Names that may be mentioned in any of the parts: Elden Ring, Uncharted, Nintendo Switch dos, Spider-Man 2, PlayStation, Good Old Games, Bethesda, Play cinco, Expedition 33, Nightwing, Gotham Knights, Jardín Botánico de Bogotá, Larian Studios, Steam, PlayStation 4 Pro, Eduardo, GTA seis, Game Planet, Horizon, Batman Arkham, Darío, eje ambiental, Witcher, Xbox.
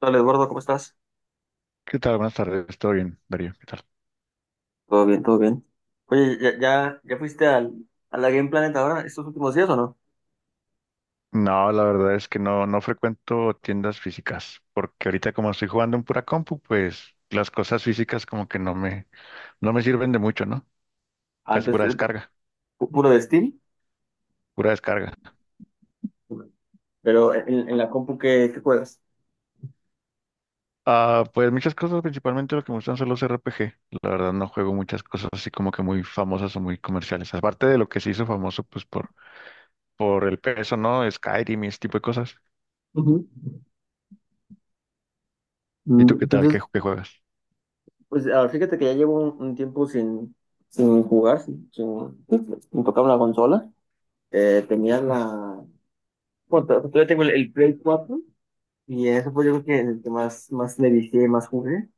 Hola Eduardo, ¿cómo estás? ¿Qué tal? Buenas tardes, ¿todo bien, Darío? ¿Qué tal? Todo bien, todo bien. Oye, ¿Ya fuiste a la Game Planet ahora estos últimos días o no? No, la verdad es que no frecuento tiendas físicas, porque ahorita como estoy jugando en pura compu, pues las cosas físicas como que no me sirven de mucho, ¿no? Casi Antes, pura descarga, puro de Steam, pura descarga. pero en la compu que juegas. Ah, pues muchas cosas, principalmente lo que me gustan son los RPG. La verdad no juego muchas cosas así como que muy famosas o muy comerciales. Aparte de lo que se hizo famoso, pues por el peso, ¿no? Skyrim y ese tipo de cosas. Ujú. ¿Y tú Mm, qué tal? Entonces, ¿Qué juegas? pues ahora fíjate que ya llevo un tiempo sin jugar, sin tocar una consola. Tenía Bueno, todavía tengo el Play cuatro y eso fue, yo creo, que el que más, más le dije, más jugué.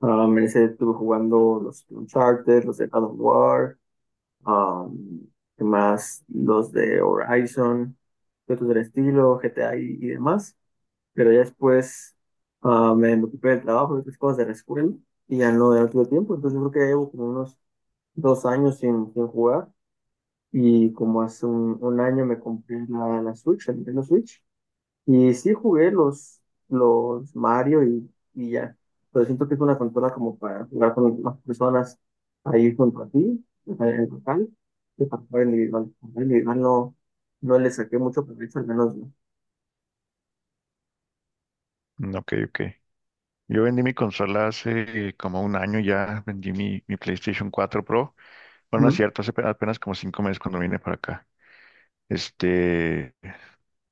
Ah, me ese estuve jugando: los Uncharted, los de God of War, um, ¿qué más? Los de Horizon, de otros del estilo, GTA y demás. Pero ya después me ocupé del trabajo y otras cosas de la escuela y ya no, ya no tuve tiempo. Entonces yo creo que llevo como unos dos años sin jugar, y como hace un año me compré la Switch, el Nintendo Switch. Y sí jugué los Mario y ya. Pero siento que es una consola como para jugar con más personas ahí junto a ti, o sea, en total, que para jugar individual. Jugar individual no, no le saqué mucho provecho, al menos no. Mm, Ok, ok. Yo vendí mi consola hace como un año ya, vendí mi PlayStation 4 Pro. Bueno, no es Ujú, cierto, hace apenas como 5 meses cuando vine para acá. Este,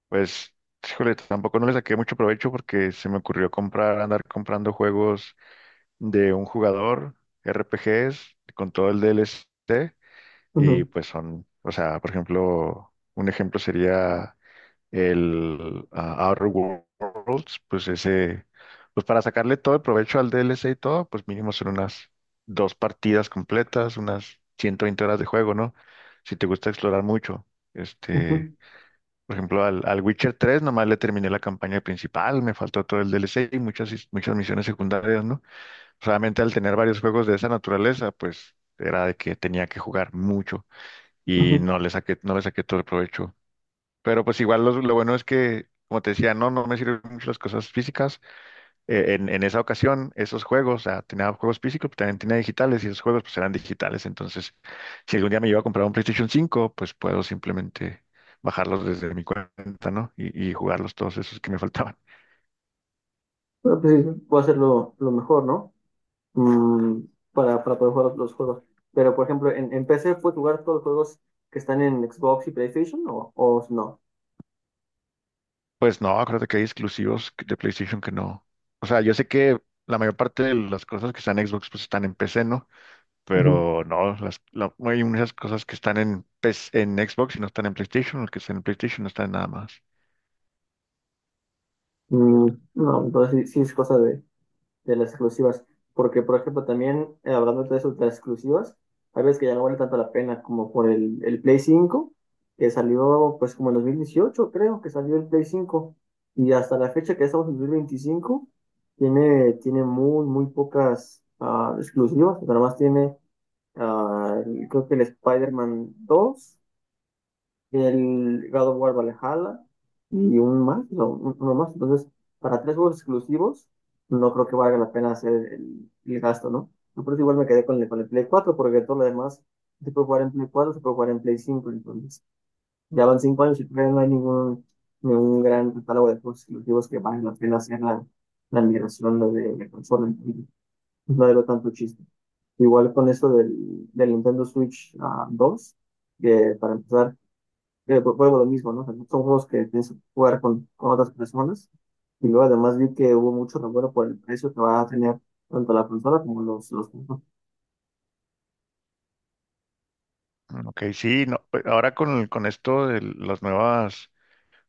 pues, híjole, tampoco no le saqué mucho provecho porque se me ocurrió comprar, andar comprando juegos de un jugador, RPGs, con todo el DLC, y ujú, pues son, o sea, por ejemplo, un ejemplo sería el Outer Worlds, pues ese, pues para sacarle todo el provecho al DLC y todo, pues mínimo son unas dos partidas completas, unas 120 horas de juego, ¿no? Si te gusta explorar mucho. Este, ujú, por ejemplo, al Witcher 3 nomás le terminé la campaña principal, me faltó todo el DLC y muchas misiones secundarias, ¿no? Solamente al tener varios juegos de esa naturaleza, pues era de que tenía que jugar mucho y ujú. no le saqué todo el provecho. Pero pues igual lo bueno es que, como te decía, no me sirven mucho las cosas físicas. En esa ocasión, esos juegos, o sea, tenía juegos físicos, pero también tenía digitales y esos juegos pues eran digitales. Entonces, si algún día me llevo a comprar un PlayStation 5 pues puedo simplemente bajarlos desde mi cuenta, ¿no? Y jugarlos todos esos que me faltaban. Pero pues sí, puedo hacerlo lo mejor, ¿no? Mm, para poder jugar los juegos. Pero, por ejemplo, en PC, ¿puedes jugar todos los juegos que están en Xbox y PlayStation o no? Pues no, acuérdate que hay exclusivos de PlayStation que no. O sea, yo sé que la mayor parte de las cosas que están en Xbox pues están en PC, ¿no? Ujú. Pero no, hay muchas cosas que están en, PS en Xbox y no están en PlayStation, los que están en PlayStation no están en nada más. Mm, no, entonces sí, sí es cosa de las exclusivas. Porque, por ejemplo, también, hablando de eso, de las exclusivas, hay veces que ya no vale tanto la pena, como por el Play cinco, que salió pues como en 2018, creo, que salió el Play cinco. Y hasta la fecha, que estamos en 2025, tiene, tiene muy, muy pocas exclusivas. Nada más tiene, creo que el Spider-Man 2, el God of War Valhalla, y un más, no, uno más. Entonces, para tres juegos exclusivos, no creo que valga la pena hacer el gasto, ¿no? Yo por eso igual me quedé con con el Play 4, porque todo lo demás se puede jugar en Play 4, se puede jugar en Play 5. Entonces ya van cinco años y todavía no hay ningún, ningún gran catálogo de juegos exclusivos que valga la pena hacer la migración, ¿no?, de consola. Entonces, no le veo tanto chiste. Igual con esto del Nintendo Switch dos, que para empezar, vuelvo a lo mismo, ¿no? O sea, son juegos que tienes que jugar con otras personas. Y luego además vi que hubo mucho revuelo por el precio que va a tener tanto la consola como juegos. Mm, Ok, sí, no, ahora con esto de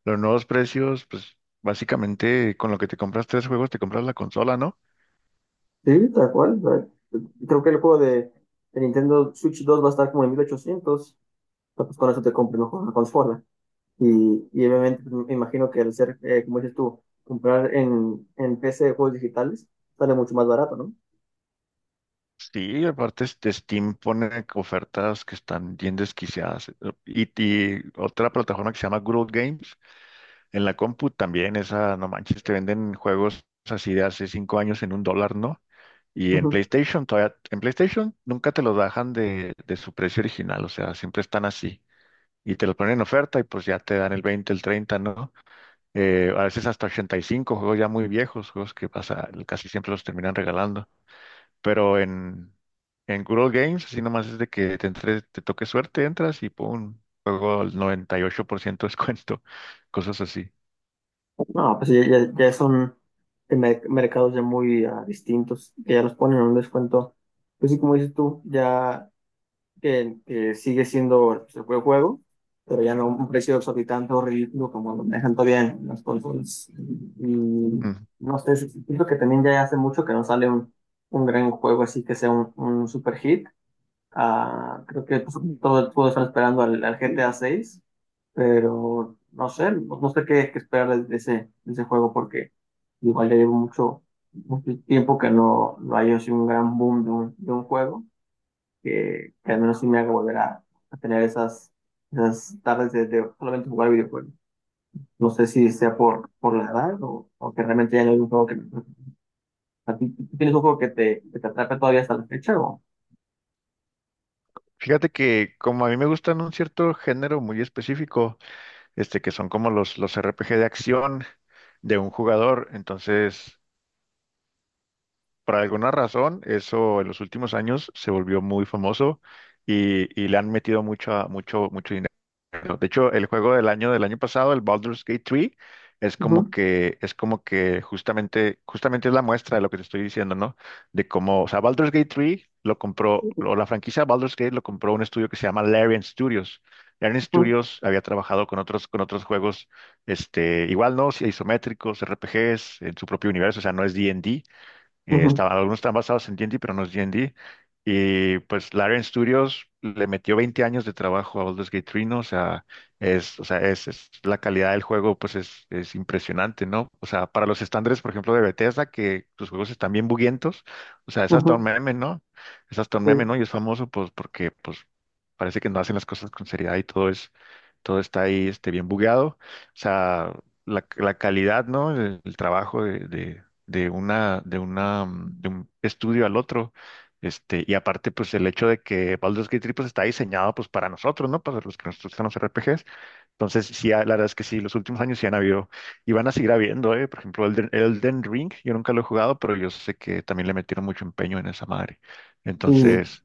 los nuevos precios, pues básicamente con lo que te compras tres juegos te compras la consola, ¿no? Sí, tal cual. eh, Creo que el juego de Nintendo Switch dos va a estar como en 1.800, pero pues con eso te compras una consola. Y obviamente pues, me imagino que al ser, como dices tú, comprar en PC de juegos digitales, sale mucho más barato, Sí, aparte este Steam pone ofertas que están bien desquiciadas. Y otra plataforma que se llama Good Old Games, en la compu también, esa, no manches, te venden juegos así de hace 5 años en 1 dólar, ¿no? Y en ¿no? PlayStation todavía, en PlayStation nunca te los bajan de su precio original, o sea, siempre están así. Y te los ponen en oferta y pues ya te dan el 20 el 30, ¿no? A veces hasta 85 juegos ya muy viejos, juegos que pasa, casi siempre los terminan regalando. Pero en Good Old Games, así nomás es de que te entre, te toque suerte, entras y pum, juego al 98% descuento, cosas así. No, pues ya, ya son de mercados ya muy distintos, que ya los ponen a un descuento. Pues sí, como dices tú, ya que sigue siendo, pues, el buen juego, pero ya no un precio exorbitante o ridículo, como lo manejan todavía en las consolas. Y Mm. no sé, sí, sí, siento que también ya hace mucho que no sale un gran juego así, que sea un super hit. Creo que pues, todos están esperando al GTA seis, pero no sé, no sé qué, qué esperar de ese juego, porque igual ya llevo mucho, mucho tiempo que no, no haya sido un gran boom de un juego que al menos sí me haga volver a tener esas, esas tardes de solamente jugar videojuegos. No sé si sea por la edad o que realmente ya no hay un juego que me... atrape. ¿A tú tienes un juego que te atrape todavía hasta la fecha o...? Fíjate que como a mí me gustan un cierto género muy específico, este, que son como los RPG de acción de un jugador. Entonces, por alguna razón, eso en los últimos años se volvió muy famoso y le han metido mucho, mucho, mucho, bueno, de hecho, el juego del año pasado, el Baldur's Gate 3, es como Ujú, que, es como que justamente es la muestra de lo que te estoy diciendo, ¿no? De cómo, o sea, Baldur's Gate 3 lo compró, o la franquicia Baldur's Gate lo compró un estudio que se llama Larian Studios. Larian ujú, Studios había trabajado con otros juegos, este, igual, ¿no? Sí, isométricos, RPGs, en su propio universo, o sea, no es d and D. Ujú, Algunos están basados en D&D, pero no es D&D. Y D. Y pues Larian Studios le metió 20 años de trabajo a Baldur's Gate 3, ¿no? O sea, o sea, la calidad del juego, pues es impresionante, ¿no? O sea, para los estándares, por ejemplo, de Bethesda, que sus juegos están bien buguientos, o sea, es hasta un ujú, meme, ¿no? Es hasta un meme, ¿no? sí. Y es famoso, pues, porque, pues, parece que no hacen las cosas con seriedad y todo está ahí, este, bien bugueado. O sea, la calidad, ¿no? El trabajo de de un estudio al otro. Este, y aparte, pues el hecho de que Baldur's Gate 3 pues, está diseñado pues para nosotros, ¿no? Para los que nos gustan los RPGs. Entonces, sí, la verdad es que sí, los últimos años sí han habido y van a seguir habiendo, ¿eh? Por ejemplo, Elden Ring, yo nunca lo he jugado, pero yo sé que también le metieron mucho empeño en esa madre. Y Entonces,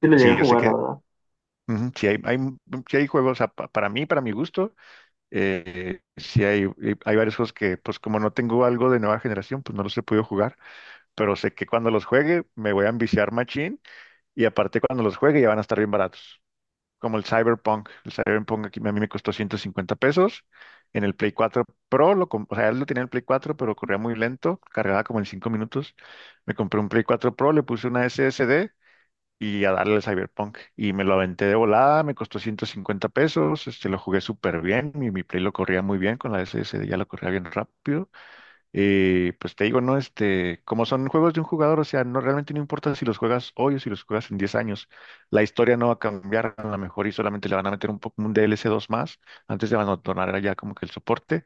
sí lo llegué sí, a yo sé jugar, la que verdad. ujú, sí hay juegos, o sea, para mí, para mi gusto, hay varios juegos que, pues como no tengo algo de nueva generación, pues no los he podido jugar, pero sé que cuando los juegue me voy a ambiciar machín y aparte cuando los juegue ya van a estar bien baratos. Como el Cyberpunk. El Cyberpunk aquí a mí me costó 150 pesos. En el Play 4 Pro, o sea, él lo tenía en el Play 4, pero corría muy lento, cargaba como en 5 minutos. Me compré un Play 4 Pro, le puse una SSD y a darle al Cyberpunk. Y me lo aventé de volada, me costó 150 pesos, este, lo jugué súper bien, mi Play lo corría muy bien con la SSD, ya lo corría bien rápido. Pues te digo, ¿no? Este, como son juegos de un jugador, o sea, no, realmente no importa si los juegas hoy o si los juegas en 10 años, la historia no va a cambiar a lo mejor y solamente le van a meter un poco un DLC 2 más antes de abandonar ya como que el soporte,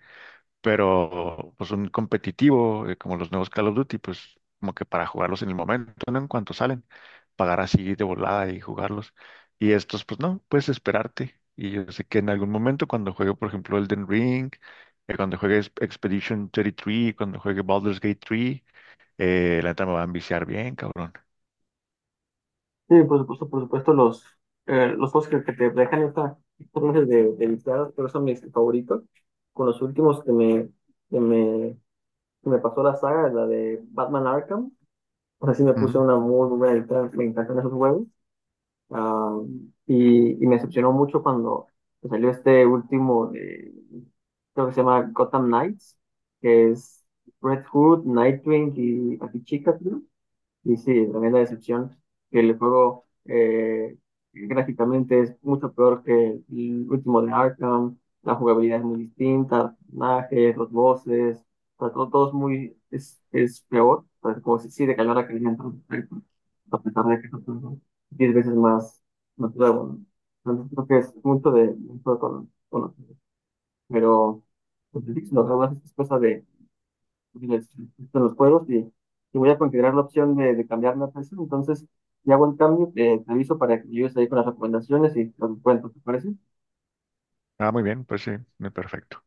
pero pues un competitivo, como los nuevos Call of Duty, pues como que para jugarlos en el momento, ¿no? En cuanto salen, pagar así de volada y jugarlos. Y estos, pues no, puedes esperarte. Y yo sé que en algún momento, cuando juegue, por ejemplo, Elden Ring, cuando juegue Expedition 33, cuando juegue Baldur's Gate 3, la neta me va a enviciar bien, cabrón. Sí, por supuesto, los juegos que te dejan esta esta clase de viciadas, pero son mis favoritos. Con los últimos que me, que me, que me pasó, la saga, la de Batman Arkham, pues así me puse Ujú. una muy buena viciada, me encantan esos juegos. Ah, y me decepcionó mucho cuando salió este último, de, creo que se llama Gotham Knights, que es Red Hood, Nightwing y Batichica, y sí, tremenda decepción, que el juego, gráficamente, es mucho peor que el último de Arkham. La jugabilidad es muy distinta, personajes, los voces, o sea, todo, todo es muy, es peor. O sea, como si sí decayó la calidad en todo aspecto, a pesar de que es otro juego 10 veces más, más nuevo, ¿no? Entonces creo que es mucho de, mucho pero pues, sí, lo demás es cosa de, les gustan los juegos, y voy a considerar la opción de cambiar la PC. Entonces, ya hago el cambio, te aviso para que llegues ahí con las recomendaciones y los cuentos, ¿te parece? Ah, muy bien, pues sí, muy perfecto.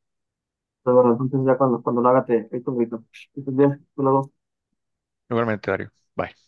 Pero bueno, entonces ya cuando, cuando lo haga te te echo un grito. Que estés bien, hasta luego. Igualmente, Dario. Bye.